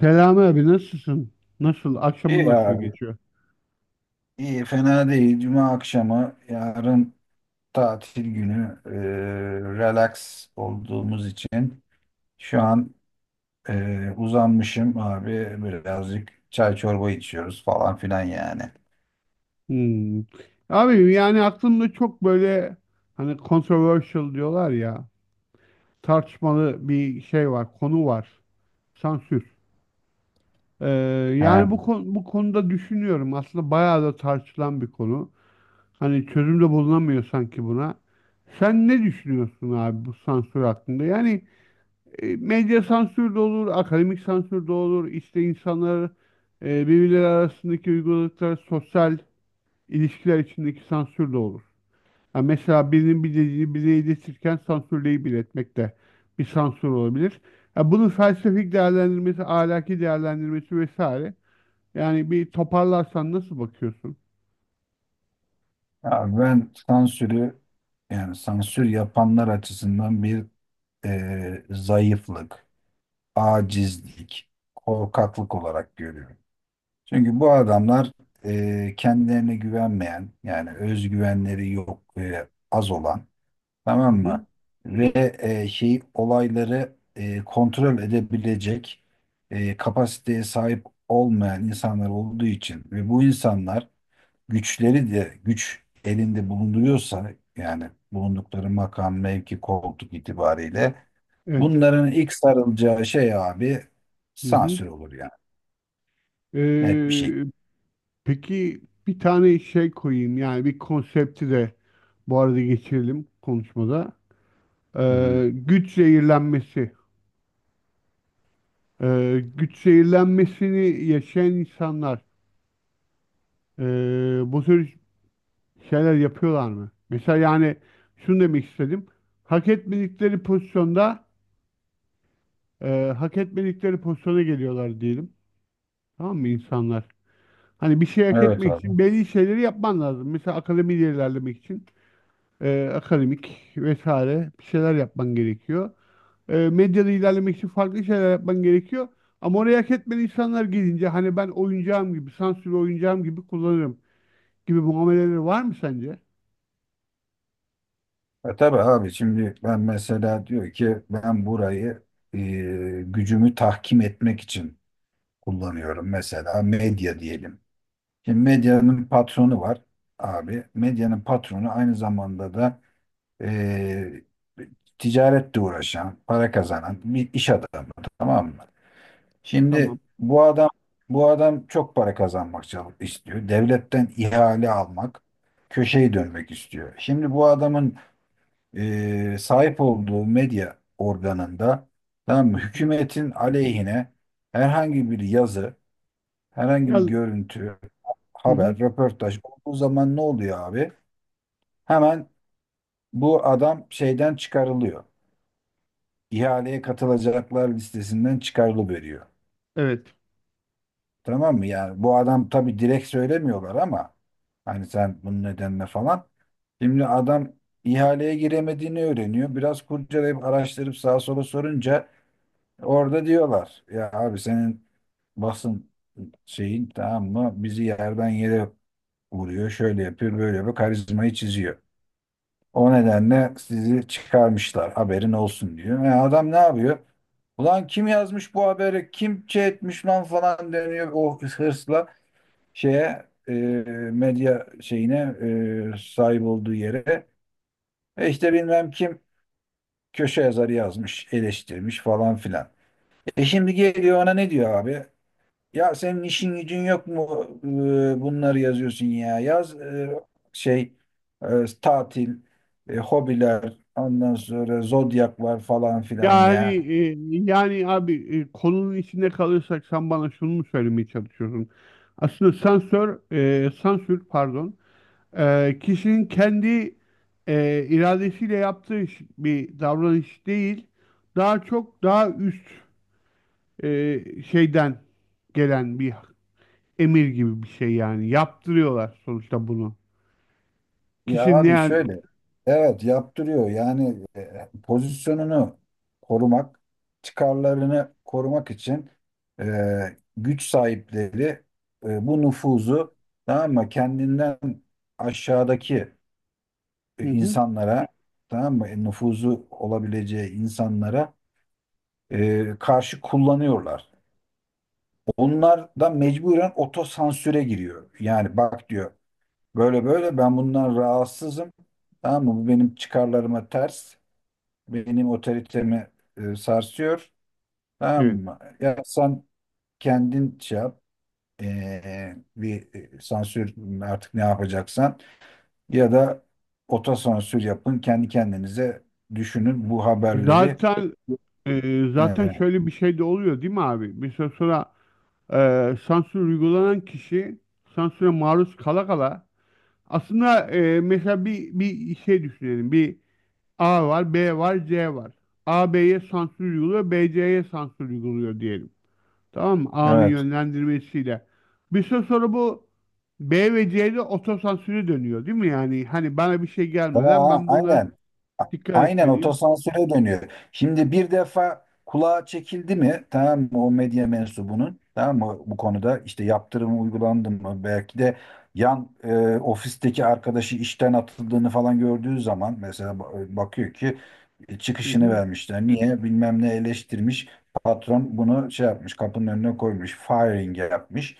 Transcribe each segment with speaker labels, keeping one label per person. Speaker 1: Selami abi nasılsın? Nasıl? Akşamın
Speaker 2: İyi
Speaker 1: nasıl
Speaker 2: abi.
Speaker 1: geçiyor?
Speaker 2: İyi, fena değil. Cuma akşamı, yarın tatil günü, relax olduğumuz için şu an uzanmışım abi. Birazcık çay çorba içiyoruz falan filan yani.
Speaker 1: Hmm. Abi yani aklımda çok böyle hani controversial diyorlar ya, tartışmalı bir şey var, konu var. Sansür. Ee, yani
Speaker 2: He.
Speaker 1: bu konuda düşünüyorum. Aslında bayağı da tartışılan bir konu. Hani çözüm de bulunamıyor sanki buna. Sen ne düşünüyorsun abi bu sansür hakkında? Yani, medya sansür de olur, akademik sansür de olur. İşte insanlar birbirleri arasındaki uyguladıkları sosyal ilişkiler içindeki sansür de olur. Ha, mesela birinin bir dediğini birine iletirken sansürleyip iletmek de bir sansür olabilir. Ha, bunun felsefik değerlendirmesi, ahlaki değerlendirmesi vesaire. Yani bir toparlarsan nasıl bakıyorsun?
Speaker 2: Abi ben sansürü, yani sansür yapanlar açısından bir zayıflık, acizlik, korkaklık olarak görüyorum. Çünkü bu adamlar kendilerine güvenmeyen yani özgüvenleri yok az olan,
Speaker 1: Hı
Speaker 2: tamam mı?
Speaker 1: hı.
Speaker 2: Ve şey olayları kontrol edebilecek kapasiteye sahip olmayan insanlar olduğu için ve bu insanlar güçleri de güç elinde bulunduruyorsa, yani bulundukları makam, mevki, koltuk itibariyle,
Speaker 1: Evet.
Speaker 2: bunların ilk sarılacağı şey abi
Speaker 1: Hı hı.
Speaker 2: sansür olur yani. Net bir şey.
Speaker 1: E, Peki bir tane şey koyayım, yani bir konsepti de bu arada geçirelim konuşmada.
Speaker 2: Hı. Hı.
Speaker 1: Güç zehirlenmesi. Güç zehirlenmesini yaşayan insanlar bu tür şeyler yapıyorlar mı? Mesela yani şunu demek istedim. Hak etmedikleri pozisyonda hak etmedikleri pozisyona geliyorlar diyelim. Tamam mı insanlar? Hani bir şey hak
Speaker 2: Evet
Speaker 1: etmek
Speaker 2: abi.
Speaker 1: için belli şeyleri yapman lazım. Mesela akademiyi ilerlemek için. Akademik vesaire bir şeyler yapman gerekiyor. E, medyada ilerlemek için farklı şeyler yapman gerekiyor. Ama oraya hak etmeyen insanlar gelince, hani ben oyuncağım gibi, sansürlü oyuncağım gibi kullanırım gibi muameleleri var mı sence?
Speaker 2: E tabii abi, şimdi ben mesela diyor ki ben burayı e, gücümü tahkim etmek için kullanıyorum. Mesela medya diyelim. Şimdi medyanın patronu var abi. Medyanın patronu aynı zamanda da e, ticaretle uğraşan, para kazanan bir iş adamı, tamam mı? Şimdi
Speaker 1: Tamam.
Speaker 2: bu adam çok para kazanmak istiyor. Devletten ihale almak, köşeyi dönmek istiyor. Şimdi bu adamın sahip olduğu medya organında, tamam mı,
Speaker 1: Hı hı.
Speaker 2: hükümetin aleyhine herhangi bir yazı,
Speaker 1: Ya,
Speaker 2: herhangi bir
Speaker 1: hı
Speaker 2: görüntü,
Speaker 1: hı.
Speaker 2: haber, röportaj olduğu zaman ne oluyor abi? Hemen bu adam şeyden çıkarılıyor. İhaleye katılacaklar listesinden çıkarılıveriyor.
Speaker 1: Evet.
Speaker 2: Tamam mı? Yani bu adam, tabii direkt söylemiyorlar ama hani sen bunun nedenine falan. Şimdi adam ihaleye giremediğini öğreniyor. Biraz kurcalayıp araştırıp sağa sola sorunca, orada diyorlar ya abi senin basın şeyin, tamam mı, bizi yerden yere vuruyor, şöyle yapıyor, böyle yapıyor, karizmayı çiziyor. O nedenle sizi çıkarmışlar haberin olsun diyor. E adam ne yapıyor? Ulan kim yazmış bu haberi, kim şey etmiş lan falan deniyor o hırsla şeye, medya şeyine, sahip olduğu yere. E işte bilmem kim köşe yazarı yazmış, eleştirmiş falan filan. E şimdi geliyor ona ne diyor abi? Ya senin işin gücün yok mu bunları yazıyorsun ya? Yaz şey tatil, hobiler, ondan sonra zodyak var falan filan
Speaker 1: Yani
Speaker 2: ya.
Speaker 1: e, yani abi, konunun içinde kalırsak sen bana şunu mu söylemeye çalışıyorsun? Aslında sansör, sansür pardon. Kişinin kendi iradesiyle yaptığı bir davranış değil, daha çok daha üst şeyden gelen bir emir gibi bir şey yani. Yaptırıyorlar sonuçta bunu.
Speaker 2: Ya
Speaker 1: Kişinin ne
Speaker 2: abi
Speaker 1: hal-.
Speaker 2: şöyle, evet yaptırıyor. Yani pozisyonunu korumak, çıkarlarını korumak için e, güç sahipleri bu nüfuzu, tamam mı, kendinden aşağıdaki
Speaker 1: Hı hı,
Speaker 2: insanlara, tamam mı? E, nüfuzu olabileceği insanlara karşı kullanıyorlar. Onlar da mecburen otosansüre giriyor. Yani bak diyor, böyle böyle ben bundan rahatsızım. Tamam mı? Bu benim çıkarlarıma ters. Benim otoritemi sarsıyor. Tamam
Speaker 1: evet.
Speaker 2: mı? Ya sen kendin şey yap. Bir sansür, artık ne yapacaksan. Ya da otosansür yapın, kendi kendinize düşünün bu haberleri.
Speaker 1: Zaten zaten
Speaker 2: Ee,
Speaker 1: şöyle bir şey de oluyor değil mi abi? Bir süre sonra sansür uygulanan kişi sansüre maruz kala kala aslında, mesela bir şey düşünelim. Bir A var, B var, C var. A B'ye sansür uyguluyor, B C'ye sansür uyguluyor diyelim. Tamam mı? A'nın
Speaker 2: evet.
Speaker 1: yönlendirmesiyle. Bir süre sonra bu B ve C'de otosansüre dönüyor değil mi? Yani hani bana bir şey
Speaker 2: Tamam.
Speaker 1: gelmeden
Speaker 2: Ha,
Speaker 1: ben buna
Speaker 2: aynen. A-
Speaker 1: dikkat
Speaker 2: Aynen
Speaker 1: etmeliyim.
Speaker 2: otosansüre dönüyor. Şimdi bir defa kulağa çekildi mi, tamam mı, o medya mensubunun, tamam mı, bu konuda işte yaptırım uygulandı mı, belki de yan ofisteki arkadaşı işten atıldığını falan gördüğü zaman mesela, bakıyor ki
Speaker 1: Hı
Speaker 2: çıkışını
Speaker 1: hı.
Speaker 2: vermişler. Niye? Bilmem ne eleştirmiş. Patron bunu şey yapmış, kapının önüne koymuş. Firing yapmış.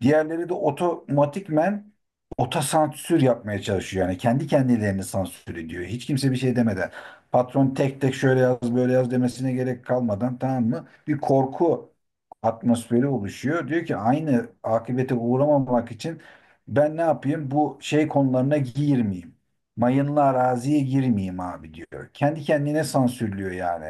Speaker 2: Diğerleri de otomatikmen otosansür yapmaya çalışıyor. Yani kendi kendilerini sansür ediyor. Hiç kimse bir şey demeden. Patron tek tek şöyle yaz böyle yaz demesine gerek kalmadan, tamam mı? Bir korku atmosferi oluşuyor. Diyor ki aynı akibete uğramamak için ben ne yapayım? Bu şey konularına girmeyeyim. Mayınlı araziye girmeyeyim abi diyor. Kendi kendine sansürlüyor yani.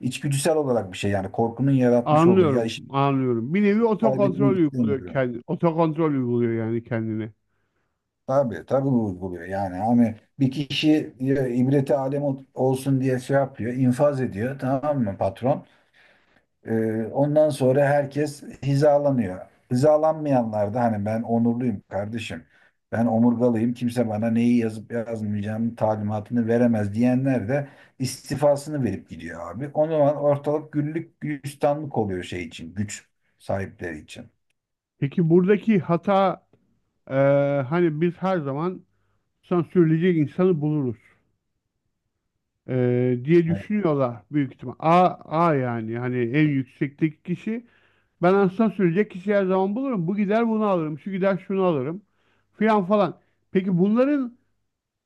Speaker 2: İçgüdüsel olarak bir şey, yani korkunun yaratmış olduğu, ya
Speaker 1: Anlıyorum,
Speaker 2: işi
Speaker 1: anlıyorum. Bir nevi otokontrol
Speaker 2: kaybetmek
Speaker 1: uyguluyor
Speaker 2: istemiyorum.
Speaker 1: kendi, otokontrol uyguluyor yani kendine.
Speaker 2: Tabii tabii vurguluyor. Yani hani bir kişi ya, ibreti alem olsun diye şey yapıyor, infaz ediyor, tamam mı, patron? Ondan sonra herkes hizalanıyor. Hizalanmayanlar da hani ben onurluyum kardeşim. Ben omurgalıyım. Kimse bana neyi yazıp yazmayacağımın talimatını veremez diyenler de istifasını verip gidiyor abi. O zaman ortalık güllük gülistanlık oluyor şey için, güç sahipleri için.
Speaker 1: Peki buradaki hata, e, hani biz her zaman sansürleyecek insanı buluruz, diye düşünüyorlar büyük ihtimal. A, A yani hani en yüksekteki kişi. Ben aslında sürecek kişi her zaman bulurum. Bu gider bunu alırım, şu gider şunu alırım filan falan. Peki bunların,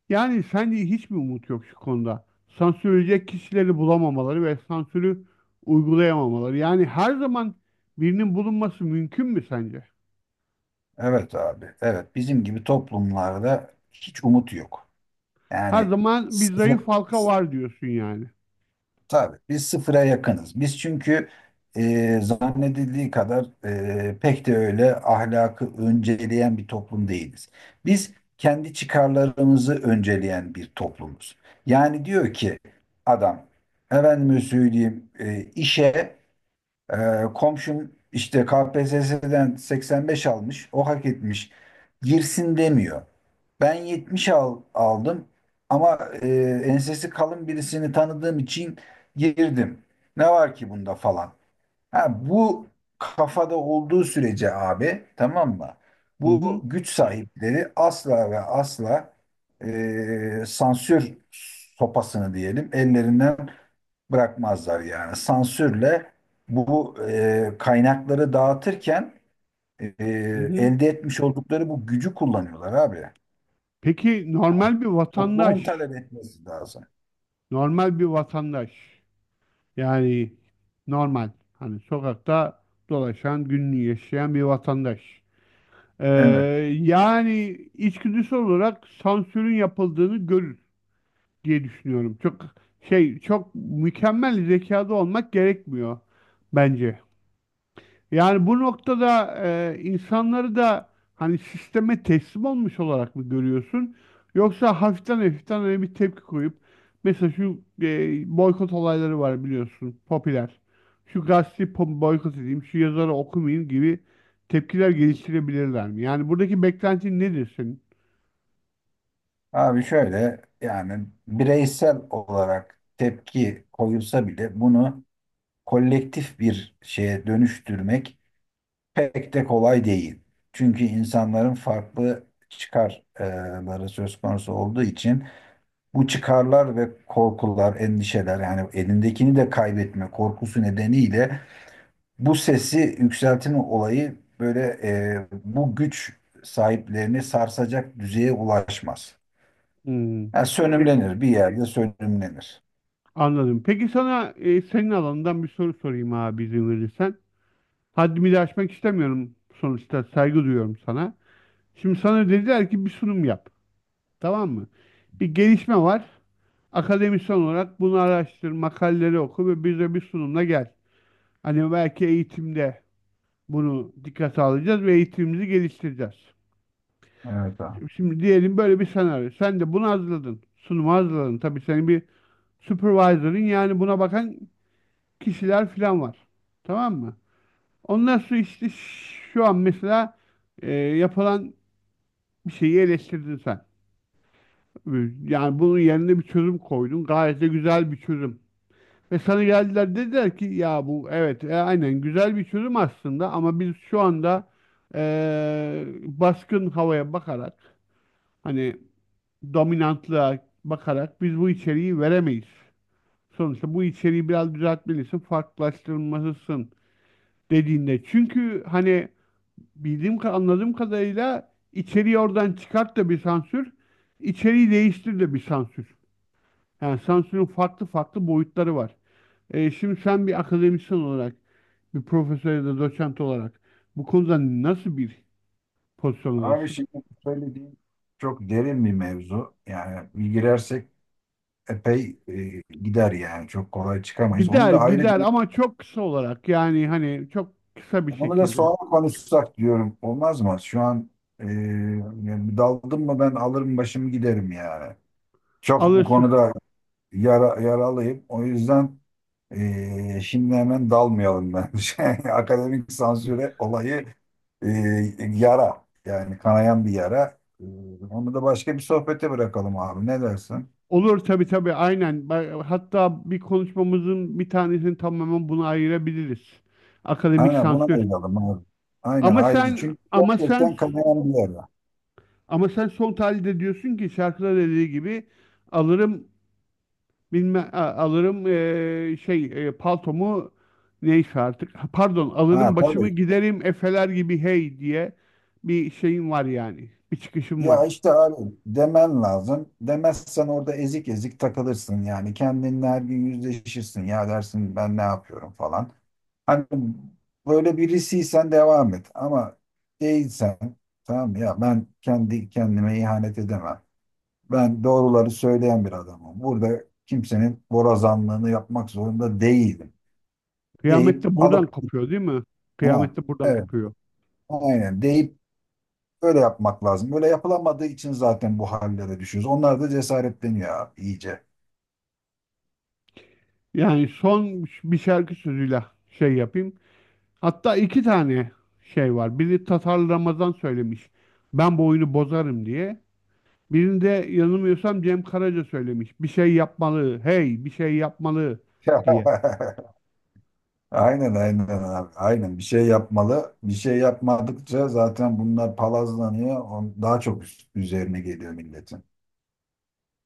Speaker 1: yani sence hiç mi umut yok şu konuda? Sansürleyecek kişileri bulamamaları ve sansürü uygulayamamaları. Yani her zaman birinin bulunması mümkün mü sence?
Speaker 2: Evet abi. Evet bizim gibi toplumlarda hiç umut yok.
Speaker 1: Her
Speaker 2: Yani
Speaker 1: zaman bir
Speaker 2: sıfır,
Speaker 1: zayıf halka var diyorsun yani.
Speaker 2: tabii biz sıfıra yakınız. Biz çünkü zannedildiği kadar pek de öyle ahlakı önceleyen bir toplum değiliz. Biz kendi çıkarlarımızı önceleyen bir toplumuz. Yani diyor ki adam, efendime söyleyeyim işe komşum işte KPSS'den 85 almış. O hak etmiş. Girsin demiyor. Ben 70 aldım ama ensesi kalın birisini tanıdığım için girdim. Ne var ki bunda falan. Ha, bu kafada olduğu sürece abi, tamam mı?
Speaker 1: Hı
Speaker 2: Bu
Speaker 1: hı,
Speaker 2: güç sahipleri asla ve asla sansür sopasını diyelim ellerinden bırakmazlar yani. Sansürle bu kaynakları dağıtırken e,
Speaker 1: hı hı.
Speaker 2: elde etmiş oldukları bu gücü kullanıyorlar abi.
Speaker 1: Peki normal bir
Speaker 2: Toplumun
Speaker 1: vatandaş,
Speaker 2: talep etmesi lazım.
Speaker 1: normal bir vatandaş yani normal hani sokakta dolaşan, günlük yaşayan bir vatandaş. Ee,
Speaker 2: Evet.
Speaker 1: Yani içgüdüsel olarak sansürün yapıldığını görür, diye düşünüyorum. Çok mükemmel zekada olmak gerekmiyor bence. Yani bu noktada insanları da hani sisteme teslim olmuş olarak mı görüyorsun? Yoksa hafiften hafiften hani bir tepki koyup, mesela şu boykot olayları var biliyorsun, popüler. Şu gazeteyi boykot edeyim, şu yazarı okumayayım gibi tepkiler geliştirebilirler mi? Yani buradaki beklentin nedir senin?
Speaker 2: Abi şöyle, yani bireysel olarak tepki koyulsa bile bunu kolektif bir şeye dönüştürmek pek de kolay değil. Çünkü insanların farklı çıkarları söz konusu olduğu için, bu çıkarlar ve korkular, endişeler, yani elindekini de kaybetme korkusu nedeniyle bu sesi yükseltme olayı böyle bu güç sahiplerini sarsacak düzeye ulaşmaz.
Speaker 1: Hmm.
Speaker 2: Yani sönümlenir, bir yerde sönümlenir.
Speaker 1: Anladım. Peki sana, senin alanından bir soru sorayım abi, izin verirsen. Haddimi de aşmak istemiyorum, sonuçta saygı duyuyorum sana. Şimdi sana dediler ki bir sunum yap. Tamam mı? Bir gelişme var. Akademisyen olarak bunu araştır, makaleleri oku ve bize bir sunumla gel. Hani belki eğitimde bunu dikkate alacağız ve eğitimimizi geliştireceğiz.
Speaker 2: Evet abi.
Speaker 1: Şimdi diyelim böyle bir senaryo. Sen de bunu hazırladın. Sunumu hazırladın. Tabii senin bir supervisor'ın, yani buna bakan kişiler falan var. Tamam mı? Ondan sonra işte şu an mesela yapılan bir şeyi eleştirdin sen. Ee, Yani bunun yerine bir çözüm koydun. Gayet de güzel bir çözüm. Ve sana geldiler, dediler ki ya bu evet aynen güzel bir çözüm aslında, ama biz şu anda baskın havaya bakarak, hani dominantlığa bakarak biz bu içeriği veremeyiz. Sonuçta bu içeriği biraz düzeltmelisin, farklılaştırmalısın dediğinde. Çünkü hani anladığım kadarıyla içeriği oradan çıkart da bir sansür, içeriği değiştir de bir sansür. Yani sansürün farklı farklı boyutları var. Şimdi sen bir akademisyen olarak, bir profesör ya da doçent olarak bu konuda nasıl bir pozisyon
Speaker 2: Abi
Speaker 1: alırsın?
Speaker 2: şimdi bu söylediğin çok derin bir mevzu. Yani bir girersek epey gider yani. Çok kolay çıkamayız. Onu
Speaker 1: Gider
Speaker 2: da ayrı bir,
Speaker 1: gider ama çok kısa olarak, yani hani çok kısa bir
Speaker 2: onu da
Speaker 1: şekilde
Speaker 2: sonra konuşsak diyorum. Olmaz mı? Şu an e, yani daldım mı ben alırım başımı giderim yani. Çok bu
Speaker 1: alırsın.
Speaker 2: konuda yaralıyım. O yüzden şimdi hemen dalmayalım bence. Akademik sansüre olayı e, yara. Yani kanayan bir yara. Onu da başka bir sohbete bırakalım abi. Ne dersin?
Speaker 1: Olur tabii, tabii, aynen. Hatta bir konuşmamızın bir tanesini tamamen buna ayırabiliriz. Akademik
Speaker 2: Aynen buna
Speaker 1: sansür.
Speaker 2: ayıralım abi. Aynen
Speaker 1: Ama
Speaker 2: ayrıca.
Speaker 1: sen
Speaker 2: Çünkü
Speaker 1: ama sen
Speaker 2: gerçekten kanayan bir yara.
Speaker 1: ama sen son tahlilde diyorsun ki şarkıda dediği gibi alırım, alırım şey paltomu, neyse artık. Ha, pardon,
Speaker 2: Ha
Speaker 1: alırım başımı
Speaker 2: tabii.
Speaker 1: giderim efeler gibi hey, diye bir şeyim var, yani bir çıkışım var.
Speaker 2: Ya işte abi demen lazım. Demezsen orada ezik ezik takılırsın yani. Kendinle her gün yüzleşirsin. Ya dersin ben ne yapıyorum falan. Hani böyle birisiysen devam et. Ama değilsen, tamam ya, ben kendi kendime ihanet edemem. Ben doğruları söyleyen bir adamım. Burada kimsenin borazanlığını yapmak zorunda değilim.
Speaker 1: Kıyamet
Speaker 2: Deyip
Speaker 1: de
Speaker 2: alıp
Speaker 1: buradan kopuyor değil mi?
Speaker 2: ha,
Speaker 1: Kıyamet de buradan
Speaker 2: evet
Speaker 1: kopuyor.
Speaker 2: aynen deyip öyle yapmak lazım. Öyle yapılamadığı için zaten bu hallere düşüyoruz. Onlar da cesaretleniyor abi iyice.
Speaker 1: Yani son bir şarkı sözüyle şey yapayım. Hatta iki tane şey var. Biri Tatar Ramazan söylemiş. Ben bu oyunu bozarım diye. Birinde yanılmıyorsam Cem Karaca söylemiş. Bir şey yapmalı, hey bir şey yapmalı diye.
Speaker 2: Aynen aynen abi. Aynen bir şey yapmalı. Bir şey yapmadıkça zaten bunlar palazlanıyor. Daha çok üzerine geliyor milletin.